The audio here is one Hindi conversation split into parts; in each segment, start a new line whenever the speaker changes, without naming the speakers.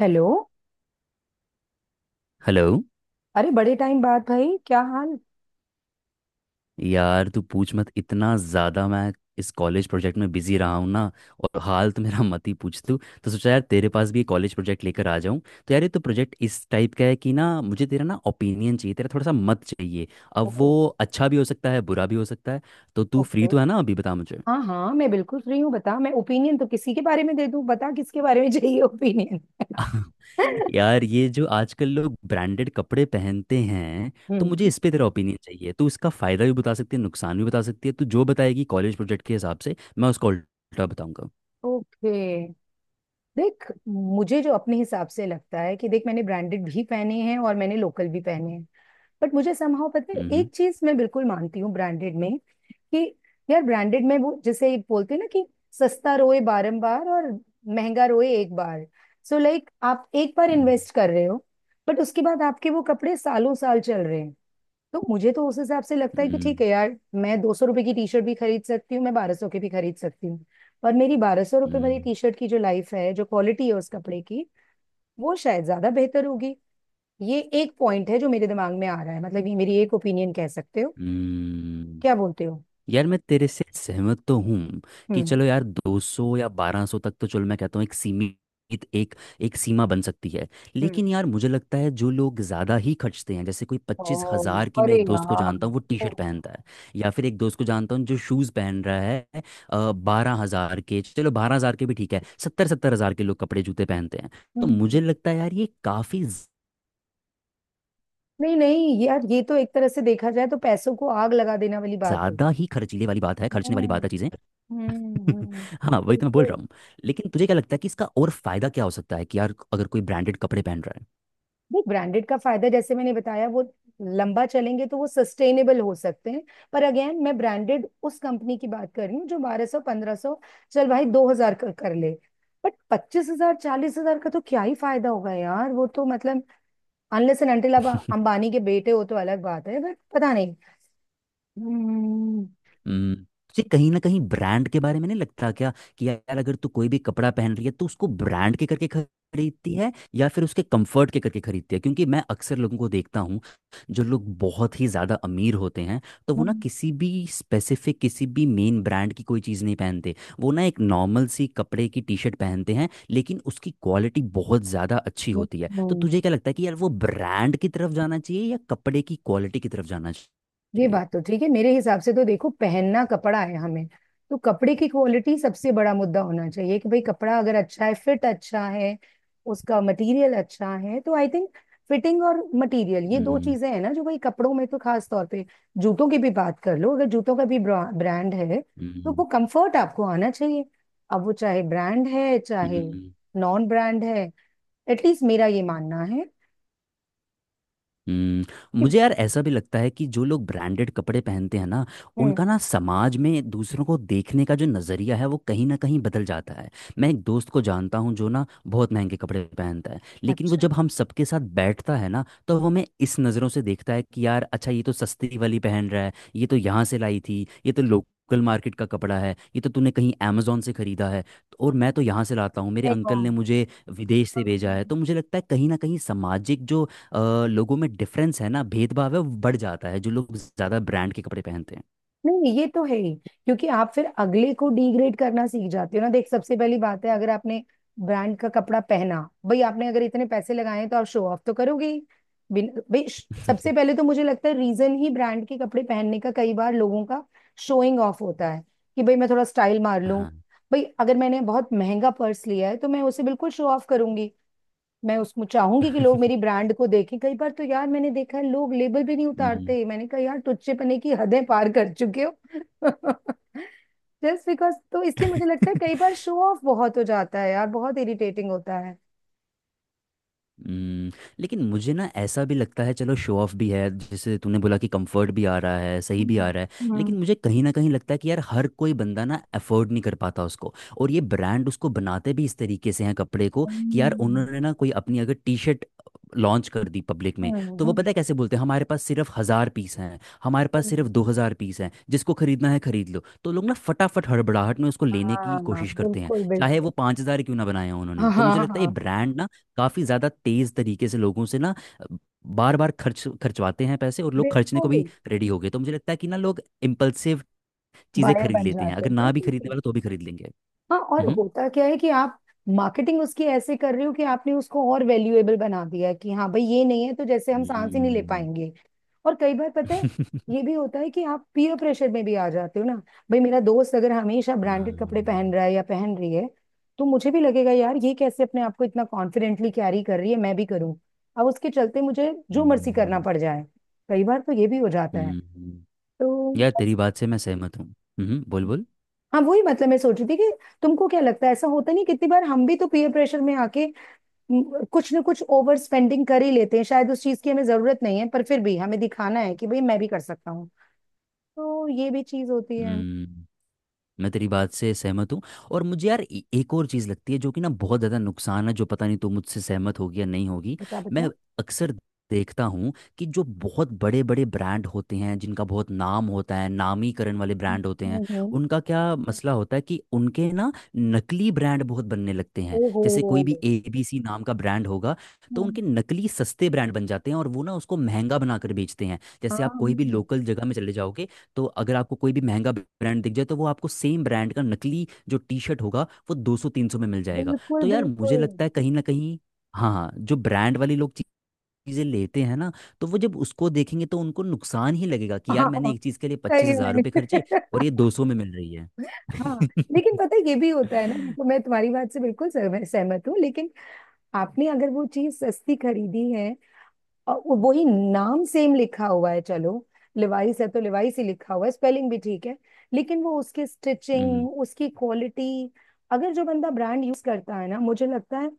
हेलो।
हेलो।
अरे बड़े टाइम बाद भाई, क्या हाल?
यार तू पूछ मत, इतना ज़्यादा मैं इस कॉलेज प्रोजेक्ट में बिजी रहा हूँ ना। और हाल तो मेरा मत ही पूछ। तू तो सोचा यार तेरे पास भी कॉलेज प्रोजेक्ट लेकर आ जाऊँ। तो यार ये तो प्रोजेक्ट इस टाइप का है कि ना मुझे तेरा ना ओपिनियन चाहिए, तेरा थोड़ा सा मत चाहिए। अब वो
ओह।
अच्छा भी हो सकता है, बुरा भी हो सकता है। तो तू फ्री
ओके।
तो है ना? अभी बता मुझे।
हाँ हाँ, मैं बिल्कुल फ्री हूँ, बता। मैं ओपिनियन तो किसी के बारे में दे दूँ, बता किसके बारे में चाहिए ओपिनियन।
यार ये जो आजकल लोग ब्रांडेड कपड़े पहनते हैं तो मुझे
हम्म।
इस पे तेरा ओपिनियन चाहिए। तू इसका फ़ायदा भी बता सकती है, नुकसान भी बता सकती है। तू जो बताएगी कॉलेज प्रोजेक्ट के हिसाब से मैं उसका उल्टा बताऊंगा।
ओके। देख, मुझे जो अपने हिसाब से लगता है कि देख, मैंने ब्रांडेड भी पहने हैं और मैंने लोकल भी पहने हैं। बट मुझे समहाउ पता है,
हम्म।
एक चीज मैं बिल्कुल मानती हूँ ब्रांडेड में कि यार ब्रांडेड में वो जैसे एक बोलते हैं ना कि सस्ता रोए बारंबार और महंगा रोए एक बार। सो लाइक आप एक बार
हम्म।
इन्वेस्ट कर रहे हो बट उसके बाद आपके वो कपड़े सालों साल चल रहे हैं। तो मुझे तो उस हिसाब से लगता है कि
हम्म।
ठीक है यार, मैं 200 रुपए की टी शर्ट भी खरीद सकती हूँ, मैं 1200 की भी खरीद सकती हूँ। पर मेरी 1200 रुपए वाली
हम्म।
टी शर्ट की जो लाइफ है, जो क्वालिटी है उस कपड़े की, वो शायद ज्यादा बेहतर होगी। ये एक पॉइंट है जो मेरे दिमाग में आ रहा है, मतलब ये मेरी एक ओपिनियन कह सकते हो।
हम्म।
क्या बोलते हो?
यार मैं तेरे से सहमत तो हूँ कि
हम्म।
चलो यार 200 या 1200 तक तो चलो, मैं कहता हूँ एक सीमित एक एक सीमा बन सकती है।
हम्म।
लेकिन यार मुझे लगता है जो लोग ज़्यादा ही खर्चते हैं, जैसे कोई पच्चीस
ओ,
हज़ार की, मैं
अरे
एक दोस्त को
यार।
जानता हूँ, वो टी
ओ।
शर्ट पहनता है। या फिर एक दोस्त को जानता हूँ जो शूज़ पहन रहा है 12 हज़ार के। चलो 12 हज़ार के भी ठीक है, 70-70 हज़ार के लोग कपड़े जूते पहनते हैं। तो
हम्म।
मुझे लगता है यार ये काफ़ी
नहीं नहीं यार, ये तो एक तरह से देखा जाए तो पैसों को आग लगा देने वाली बात
ज़्यादा
होगी।
ही खर्चीले वाली बात है, खर्चने वाली
हम्म।
बात है चीज़ें।
हम्म।
हाँ वही तो मैं बोल
बिल्कुल।
रहा हूँ। लेकिन तुझे क्या लगता है कि इसका और फायदा क्या हो सकता है, कि यार अगर कोई ब्रांडेड कपड़े पहन रहा
देख, ब्रांडेड का फायदा जैसे मैंने बताया, वो लंबा चलेंगे तो वो सस्टेनेबल हो सकते हैं। पर अगेन मैं ब्रांडेड उस कंपनी की बात कर रही हूँ जो 1200, 1500, चल भाई 2000 कर ले। बट 25000, 40000 का तो क्या ही फायदा होगा यार, वो तो मतलब अनलेस एंड अनटिल आप
है?
अंबानी के बेटे हो तो अलग बात है, बट पता नहीं। हम्म।
हम्म। तुझे कहीं ना कहीं ब्रांड के बारे में नहीं लगता क्या कि यार अगर तू कोई भी कपड़ा पहन रही है तो उसको ब्रांड के करके खरीदती है या फिर उसके कंफर्ट के करके खरीदती है? क्योंकि मैं अक्सर लोगों को देखता हूँ, जो लोग बहुत ही ज़्यादा अमीर होते हैं तो वो ना
हम्म।
किसी भी स्पेसिफिक, किसी भी मेन ब्रांड की कोई चीज़ नहीं पहनते। वो ना एक नॉर्मल सी कपड़े की टी शर्ट पहनते हैं लेकिन उसकी क्वालिटी बहुत ज़्यादा अच्छी होती है। तो
हम्म।
तुझे क्या लगता है कि यार वो ब्रांड की तरफ जाना चाहिए या कपड़े की क्वालिटी की तरफ जाना
ये
चाहिए?
बात तो ठीक है। मेरे हिसाब से तो देखो, पहनना कपड़ा है हमें, तो कपड़े की क्वालिटी सबसे बड़ा मुद्दा होना चाहिए। कि भाई कपड़ा अगर अच्छा है, फिट अच्छा है, उसका मटेरियल अच्छा है, तो आई थिंक फिटिंग और मटेरियल ये दो
हम्म।
चीजें हैं ना जो भाई कपड़ों में तो खास तौर पे। जूतों की भी बात कर लो, अगर जूतों का भी ब्रांड है तो वो
हम्म।
कंफर्ट आपको आना चाहिए। अब वो चाहे ब्रांड है चाहे
हम्म। हम्म।
नॉन ब्रांड है, एटलीस्ट मेरा ये मानना है।
हम्म।
कि
मुझे यार ऐसा भी लगता है कि जो लोग ब्रांडेड कपड़े पहनते हैं ना,
हम्म।
उनका ना समाज में दूसरों को देखने का जो नज़रिया है वो कहीं ना कहीं बदल जाता है। मैं एक दोस्त को जानता हूँ जो ना बहुत महंगे कपड़े पहनता है, लेकिन वो
अच्छा
जब हम सबके साथ बैठता है ना तो वो हमें इस नज़रों से देखता है कि यार अच्छा, ये तो सस्ती वाली पहन रहा है, ये तो यहाँ से लाई थी, ये तो लोकल मार्केट का कपड़ा है, ये तो तूने कहीं अमेजोन से खरीदा है, तो और मैं तो यहाँ से लाता हूँ, मेरे अंकल ने मुझे विदेश से भेजा है।
है।
तो मुझे लगता है कहीं ना कहीं सामाजिक जो लोगों में डिफरेंस है ना, भेदभाव है, वो बढ़ जाता है जो लोग ज़्यादा ब्रांड के कपड़े पहनते
नहीं ये तो है ही क्योंकि आप फिर अगले को डिग्रेड करना सीख जाते हो ना। देख, सबसे पहली बात है, अगर आपने ब्रांड का कपड़ा पहना, भाई आपने अगर इतने पैसे लगाए हैं तो आप शो ऑफ तो करोगे ही। बिन भाई सबसे
हैं।
पहले तो मुझे लगता है रीजन ही ब्रांड के कपड़े पहनने का कई बार लोगों का शोइंग ऑफ होता है कि भाई मैं थोड़ा स्टाइल मार लूं।
हाँ।
भाई अगर मैंने बहुत महंगा पर्स लिया है तो मैं उसे बिल्कुल शो ऑफ करूंगी, मैं उसमें चाहूंगी कि लोग मेरी ब्रांड को देखें। कई बार तो यार मैंने देखा है लोग लेबल भी नहीं
हम्म।
उतारते, मैंने कहा यार टुच्चेपने की हदें पार कर चुके हो। जस्ट बिकॉज, तो इसलिए मुझे लगता है कई बार शो ऑफ बहुत हो जाता है यार, बहुत इरिटेटिंग होता है।
हम्म। लेकिन मुझे ना ऐसा भी लगता है, चलो शो ऑफ भी है जैसे तूने बोला कि कंफर्ट भी आ रहा है, सही भी आ
हम्म।
रहा है,
हम्म।
लेकिन मुझे कहीं ना कहीं लगता है कि यार हर कोई बंदा ना अफोर्ड नहीं कर पाता उसको। और ये ब्रांड उसको बनाते भी इस तरीके से हैं कपड़े को, कि यार
हम्म।
उन्होंने ना कोई अपनी अगर टी शर्ट लॉन्च कर दी पब्लिक में, तो वो
हम्म।
पता है कैसे बोलते हैं, हमारे पास सिर्फ हज़ार पीस हैं, हमारे पास
हम्म।
सिर्फ 2 हज़ार पीस हैं, जिसको खरीदना है खरीद लो। तो लोग ना फटाफट हड़बड़ाहट में उसको लेने की
हाँ,
कोशिश करते हैं,
बिल्कुल
चाहे
बिल्कुल।
वो 5 हज़ार क्यों ना बनाए हों
हाँ
उन्होंने। तो
हाँ
मुझे लगता है ये
हाँ,
ब्रांड ना काफ़ी ज़्यादा तेज़ तरीके से लोगों से ना बार बार खर्चवाते हैं पैसे, और लोग खर्चने को भी
बिल्कुल।
रेडी हो गए। तो मुझे लगता है कि ना लोग इम्पल्सिव चीज़ें
बायर
खरीद
बन
लेते हैं,
जाते
अगर
हैं,
ना भी
बिल्कुल
खरीदने
सही।
वाला तो भी खरीद लेंगे।
हाँ, और
हम्म।
होता क्या है कि आप मार्केटिंग उसकी ऐसे कर रहे हो कि आपने उसको और वैल्यूएबल बना दिया है कि हाँ भाई, ये नहीं है तो जैसे हम सांस ही नहीं ले
हम्म।
पाएंगे। और कई बार पता है, ये भी होता है कि आप पीयर प्रेशर में भी आ जाते हो ना। भाई, मेरा दोस्त अगर हमेशा ब्रांडेड कपड़े पहन
हाँ।
रहा है या पहन रही है, तो मुझे भी लगेगा यार, ये कैसे अपने आप को इतना कॉन्फिडेंटली कैरी कर रही है, मैं भी करूँ। अब उसके चलते मुझे जो मर्जी करना
हम्म।
पड़ जाए, कई बार तो ये भी हो जाता है।
हम्म।
तो
यार तेरी
बस।
बात से मैं सहमत हूँ। हम्म, बोल बोल।
हाँ, वही मतलब मैं सोच रही थी कि तुमको क्या लगता है? ऐसा होता नहीं कितनी बार हम भी तो पीयर प्रेशर में आके, कुछ ना कुछ ओवर स्पेंडिंग कर ही लेते हैं? शायद उस चीज की हमें जरूरत नहीं है पर फिर भी हमें दिखाना है कि भाई मैं भी कर सकता हूँ। तो ये भी चीज होती है।
हम्म। मैं तेरी बात से सहमत हूँ। और मुझे यार एक और चीज़ लगती है जो कि ना बहुत ज़्यादा नुकसान है, जो पता नहीं तू मुझसे सहमत होगी या नहीं होगी।
बता
मैं
बता।
अक्सर देखता हूँ कि जो बहुत बड़े बड़े ब्रांड होते हैं, जिनका बहुत नाम होता है, नामीकरण वाले
हम्म।
ब्रांड होते हैं,
हम्म।
उनका क्या मसला होता है कि उनके ना नकली ब्रांड बहुत बनने लगते हैं।
ओहो।
जैसे कोई भी एबीसी नाम का ब्रांड होगा तो
हम्म।
उनके नकली सस्ते ब्रांड बन जाते हैं और वो ना उसको महंगा बनाकर बेचते हैं।
हाँ।
जैसे आप कोई भी
हम्म।
लोकल जगह में चले जाओगे, तो अगर आपको कोई भी महंगा ब्रांड दिख जाए, तो वो आपको सेम ब्रांड का नकली जो टी शर्ट होगा वो 200-300 में मिल जाएगा।
बिल्कुल
तो यार मुझे
बिल्कुल।
लगता है कहीं ना कहीं, हाँ हाँ, जो ब्रांड वाले लोग चीज़ें लेते हैं ना, तो वो जब उसको देखेंगे तो उनको नुकसान ही लगेगा कि यार मैंने
हाँ,
एक चीज़ के लिए पच्चीस
सही
हजार
में।
रुपये खर्चे और ये 200 में मिल रही है।
हाँ, लेकिन पता है ये भी होता है ना। देखो, मैं तुम्हारी बात से बिल्कुल सहमत सहमत हूँ, लेकिन आपने अगर वो चीज सस्ती खरीदी है और वही नाम सेम लिखा हुआ है, चलो लिवाइस है तो लिवाइस ही लिखा हुआ है, स्पेलिंग भी ठीक है, लेकिन वो उसकी
हम्म।
स्टिचिंग, उसकी क्वालिटी, अगर जो बंदा ब्रांड यूज करता है ना, मुझे लगता है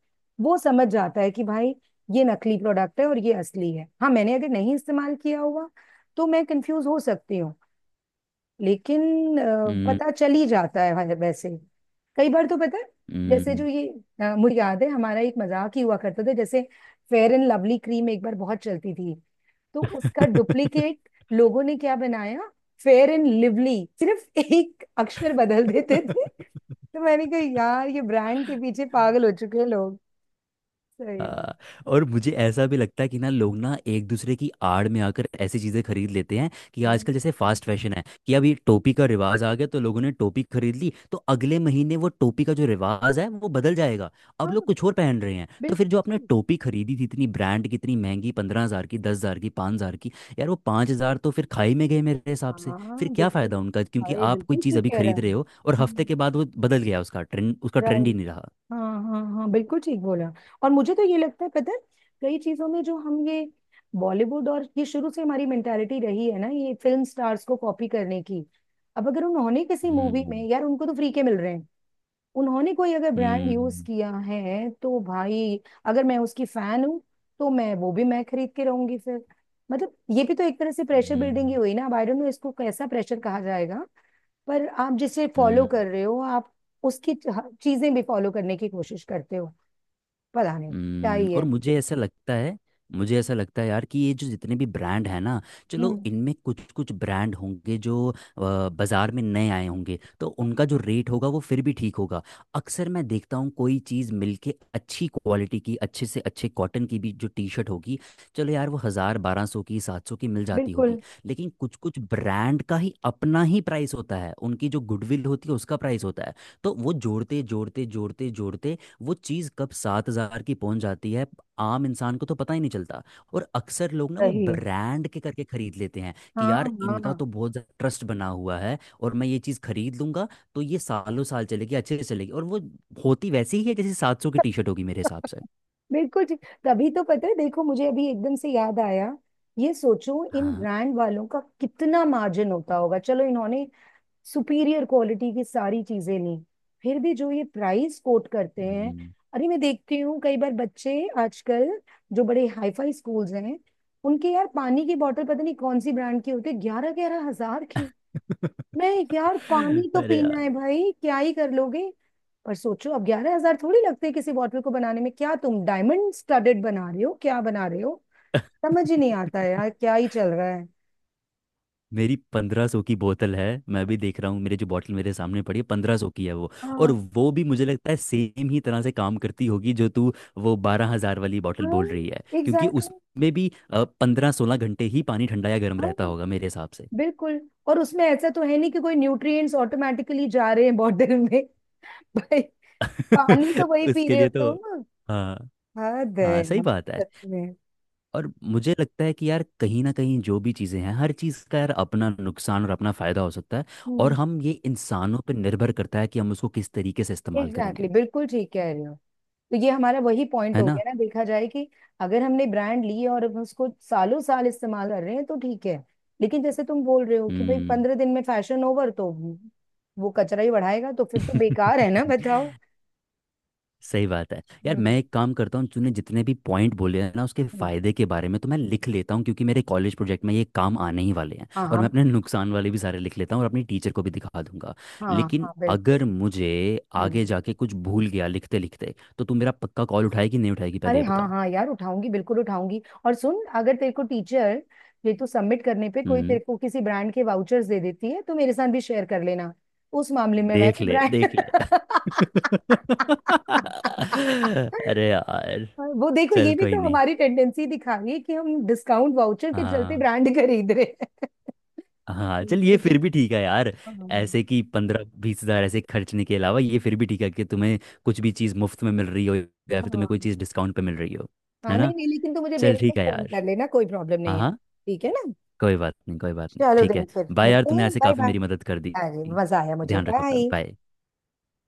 वो समझ जाता है कि भाई ये नकली प्रोडक्ट है और ये असली है। हाँ, मैंने अगर नहीं इस्तेमाल किया हुआ तो मैं कंफ्यूज हो सकती हूँ, लेकिन
हम्म।
पता चल ही जाता है वैसे। कई बार तो पता है, जैसे जो
हम्म।
ये मुझे याद है हमारा एक मजाक ही हुआ करता था, जैसे फेयर एंड लवली क्रीम एक बार बहुत चलती थी, तो उसका डुप्लीकेट लोगों ने क्या बनाया, फेयर एंड लिवली, सिर्फ एक अक्षर बदल देते थे। तो मैंने कहा यार, ये ब्रांड के पीछे पागल हो चुके हैं लोग, सही में।
हाँ। और मुझे ऐसा भी लगता है कि ना लोग ना एक दूसरे की आड़ में आकर ऐसी चीज़ें खरीद लेते हैं, कि
हाँ
आजकल जैसे फास्ट फैशन है, कि अभी टोपी का रिवाज आ गया तो लोगों ने टोपी खरीद ली, तो अगले महीने वो टोपी का जो रिवाज है वो बदल जाएगा। अब
हाँ,
लोग कुछ और पहन रहे हैं, तो फिर जो
बिल्कुल
आपने
ठीक।
टोपी खरीदी थी इतनी ब्रांड की, इतनी महंगी, 15 हज़ार की, 10 हज़ार की, 5 हज़ार की, यार वो 5 हज़ार तो फिर खाई में गए मेरे हिसाब से।
हाँ
फिर क्या
बिल्कुल।
फ़ायदा उनका क्योंकि
अरे
आप कोई
बिल्कुल
चीज़
ठीक
अभी
कह रहे
खरीद रहे
हैं।
हो और हफ्ते के बाद वो बदल गया, उसका ट्रेंड, उसका ट्रेंड
हम्म।
ही नहीं रहा।
हाँ हाँ हाँ, बिल्कुल ठीक बोला। और मुझे तो ये लगता है, पता है, कई चीजों में जो हम ये बॉलीवुड, और ये शुरू से हमारी मेंटालिटी रही है ना, ये फिल्म स्टार्स को कॉपी करने की। अब अगर उन्होंने किसी मूवी में,
हम्म।
यार उनको तो फ्री के मिल रहे हैं, उन्होंने कोई अगर ब्रांड यूज
हम्म।
किया है तो भाई, अगर मैं उसकी फैन हूँ तो मैं वो भी मैं खरीद के रहूंगी फिर। मतलब ये भी तो एक तरह से प्रेशर बिल्डिंग ही
हम्म।
हुई ना। अब आई डोंट नो इसको कैसा प्रेशर कहा जाएगा, पर आप जिसे फॉलो
हम्म।
कर रहे हो, आप उसकी चीजें भी फॉलो करने की कोशिश करते हो। पता नहीं क्या
हम्म।
ही
और
है।
मुझे ऐसा लगता है, मुझे ऐसा लगता है यार कि ये जो जितने भी ब्रांड हैं ना, चलो
हम्म।
इनमें कुछ कुछ ब्रांड होंगे जो बाजार में नए आए होंगे तो
हम्म।
उनका जो रेट होगा वो फिर भी ठीक होगा। अक्सर मैं देखता हूँ कोई चीज़ मिलके अच्छी क्वालिटी की, अच्छे से अच्छे कॉटन की भी जो टी शर्ट होगी, चलो यार वो हज़ार 1200 की, 700 की मिल जाती होगी।
बिल्कुल
लेकिन कुछ कुछ ब्रांड का ही अपना ही प्राइस होता है, उनकी जो गुडविल होती है उसका प्राइस होता है। तो वो जोड़ते जोड़ते जोड़ते जोड़ते वो चीज़ कब 7 हज़ार की पहुंच जाती है आम इंसान को तो पता ही नहीं चलता। और अक्सर लोग ना वो
सही।
ब्रांड के करके खरीद लेते हैं कि
हाँ
यार इनका
हाँ,
तो बहुत ज़्यादा ट्रस्ट बना हुआ है और मैं ये चीज़ खरीद लूंगा, तो ये सालों साल चलेगी, अच्छे से चलेगी। और वो होती वैसी ही है जैसे 700 की टी शर्ट होगी मेरे हिसाब से।
बिल्कुल ठीक। तभी तो पता है। देखो मुझे अभी एकदम से याद आया, ये सोचो इन
हाँ।
ब्रांड वालों का कितना मार्जिन होता होगा, चलो इन्होंने सुपीरियर क्वालिटी की सारी चीजें ली, फिर भी जो ये प्राइस कोट करते हैं।
हम्म।
अरे मैं देखती हूँ कई बार बच्चे आजकल जो बड़े हाईफाई स्कूल्स हैं, उनके यार पानी की बोतल पता नहीं कौन सी ब्रांड की होती है, 11000, 11000 की। मैं, यार पानी तो
अरे
पीना
यार।
है भाई, क्या ही कर लोगे। पर सोचो, अब 11000 थोड़ी लगते हैं किसी बॉटल को बनाने में, क्या तुम डायमंड स्टडेड बना रहे हो, क्या बना रहे हो? समझ ही नहीं आता है यार क्या ही चल रहा है।
मेरी 1500 की बोतल है। मैं भी देख रहा हूँ, मेरे जो बॉटल मेरे सामने पड़ी है 1500 की है वो। और
हाँ।
वो भी मुझे लगता है सेम ही तरह से काम करती होगी जो तू वो 12 हज़ार वाली बॉटल
हाँ
बोल रही है, क्योंकि
एग्जैक्टली।
उसमें भी 15-16 घंटे ही पानी ठंडा या गर्म रहता
हाँ।
होगा मेरे हिसाब से।
बिल्कुल। और उसमें ऐसा तो है नहीं कि कोई न्यूट्रिएंट्स ऑटोमेटिकली जा रहे हैं बॉटल में। भाई, पानी तो वही पी
उसके
रहे हो
लिए तो
तुम।
हाँ।
हद है
हाँ सही
यार,
बात है।
सच में।
और मुझे लगता है कि यार कहीं ना कहीं जो भी चीज़ें हैं, हर चीज़ का यार अपना नुकसान और अपना फ़ायदा हो सकता है। और
हम्म।
हम ये, इंसानों पर निर्भर करता है कि हम उसको किस तरीके से इस्तेमाल
एग्जैक्टली,
करेंगे।
बिल्कुल ठीक कह रहे हो। तो ये हमारा वही पॉइंट
है
हो
ना?
गया ना, देखा जाए कि अगर हमने ब्रांड ली और अब उसको सालों साल इस्तेमाल कर रहे हैं तो ठीक है, लेकिन जैसे तुम बोल रहे हो कि भाई
हम्म।
15 दिन में फैशन ओवर, तो वो कचरा ही बढ़ाएगा, तो फिर तो बेकार है ना, बताओ?
सही बात है यार। मैं
हम्म।
एक काम करता हूँ, तूने जितने भी पॉइंट बोले हैं ना उसके
हम्म।
फायदे के बारे में, तो मैं लिख लेता हूँ, क्योंकि मेरे कॉलेज प्रोजेक्ट में ये काम आने ही वाले हैं।
हाँ
और मैं
हाँ।
अपने नुकसान वाले भी सारे लिख लेता हूँ और अपनी टीचर को भी दिखा दूंगा।
हाँ
लेकिन
हाँ बिल्कुल।
अगर मुझे आगे
हम्म।
जाके कुछ भूल गया लिखते लिखते, तो तू मेरा पक्का कॉल उठाएगी नहीं उठाएगी, पहले
अरे
ये
हाँ
बता।
हाँ यार, उठाऊंगी बिल्कुल उठाऊंगी। और सुन, अगर तेरे को टीचर, ये तो सबमिट करने पे कोई
हम्म।
तेरे को किसी ब्रांड के वाउचर्स दे देती है तो मेरे साथ भी शेयर कर लेना, उस मामले में मैं
देख
भी
ले
ब्रांड।
देख ले। अरे यार।
वो देखो, ये
चल
भी
कोई
तो
नहीं।
हमारी टेंडेंसी दिखा रही है कि हम डिस्काउंट वाउचर के चलते
हाँ
ब्रांड खरीद रहे हैं।
हाँ।
नहीं
चल ये
नहीं।
फिर भी ठीक है यार,
हाँ।
ऐसे कि 15-20 हज़ार ऐसे खर्चने के अलावा ये फिर भी ठीक है कि तुम्हें कुछ भी चीज़ मुफ्त में मिल रही हो या फिर तुम्हें कोई चीज़
हाँ
डिस्काउंट पे मिल रही हो।
हाँ,
है
नहीं
ना?
नहीं, लेकिन तू मुझे
चल ठीक
बेशक
है
फोन
यार।
कर लेना, कोई प्रॉब्लम नहीं
हाँ
है।
हाँ।
ठीक है ना?
कोई बात नहीं, कोई बात नहीं,
चलो
ठीक
देन
है।
फिर
बाय यार,
मिलते
तूने
हैं,
ऐसे
बाय
काफ़ी
बाय।
मेरी मदद कर दी।
हाँ जी, मजा आया मुझे।
ध्यान रख अपना,
बाय।
बाय।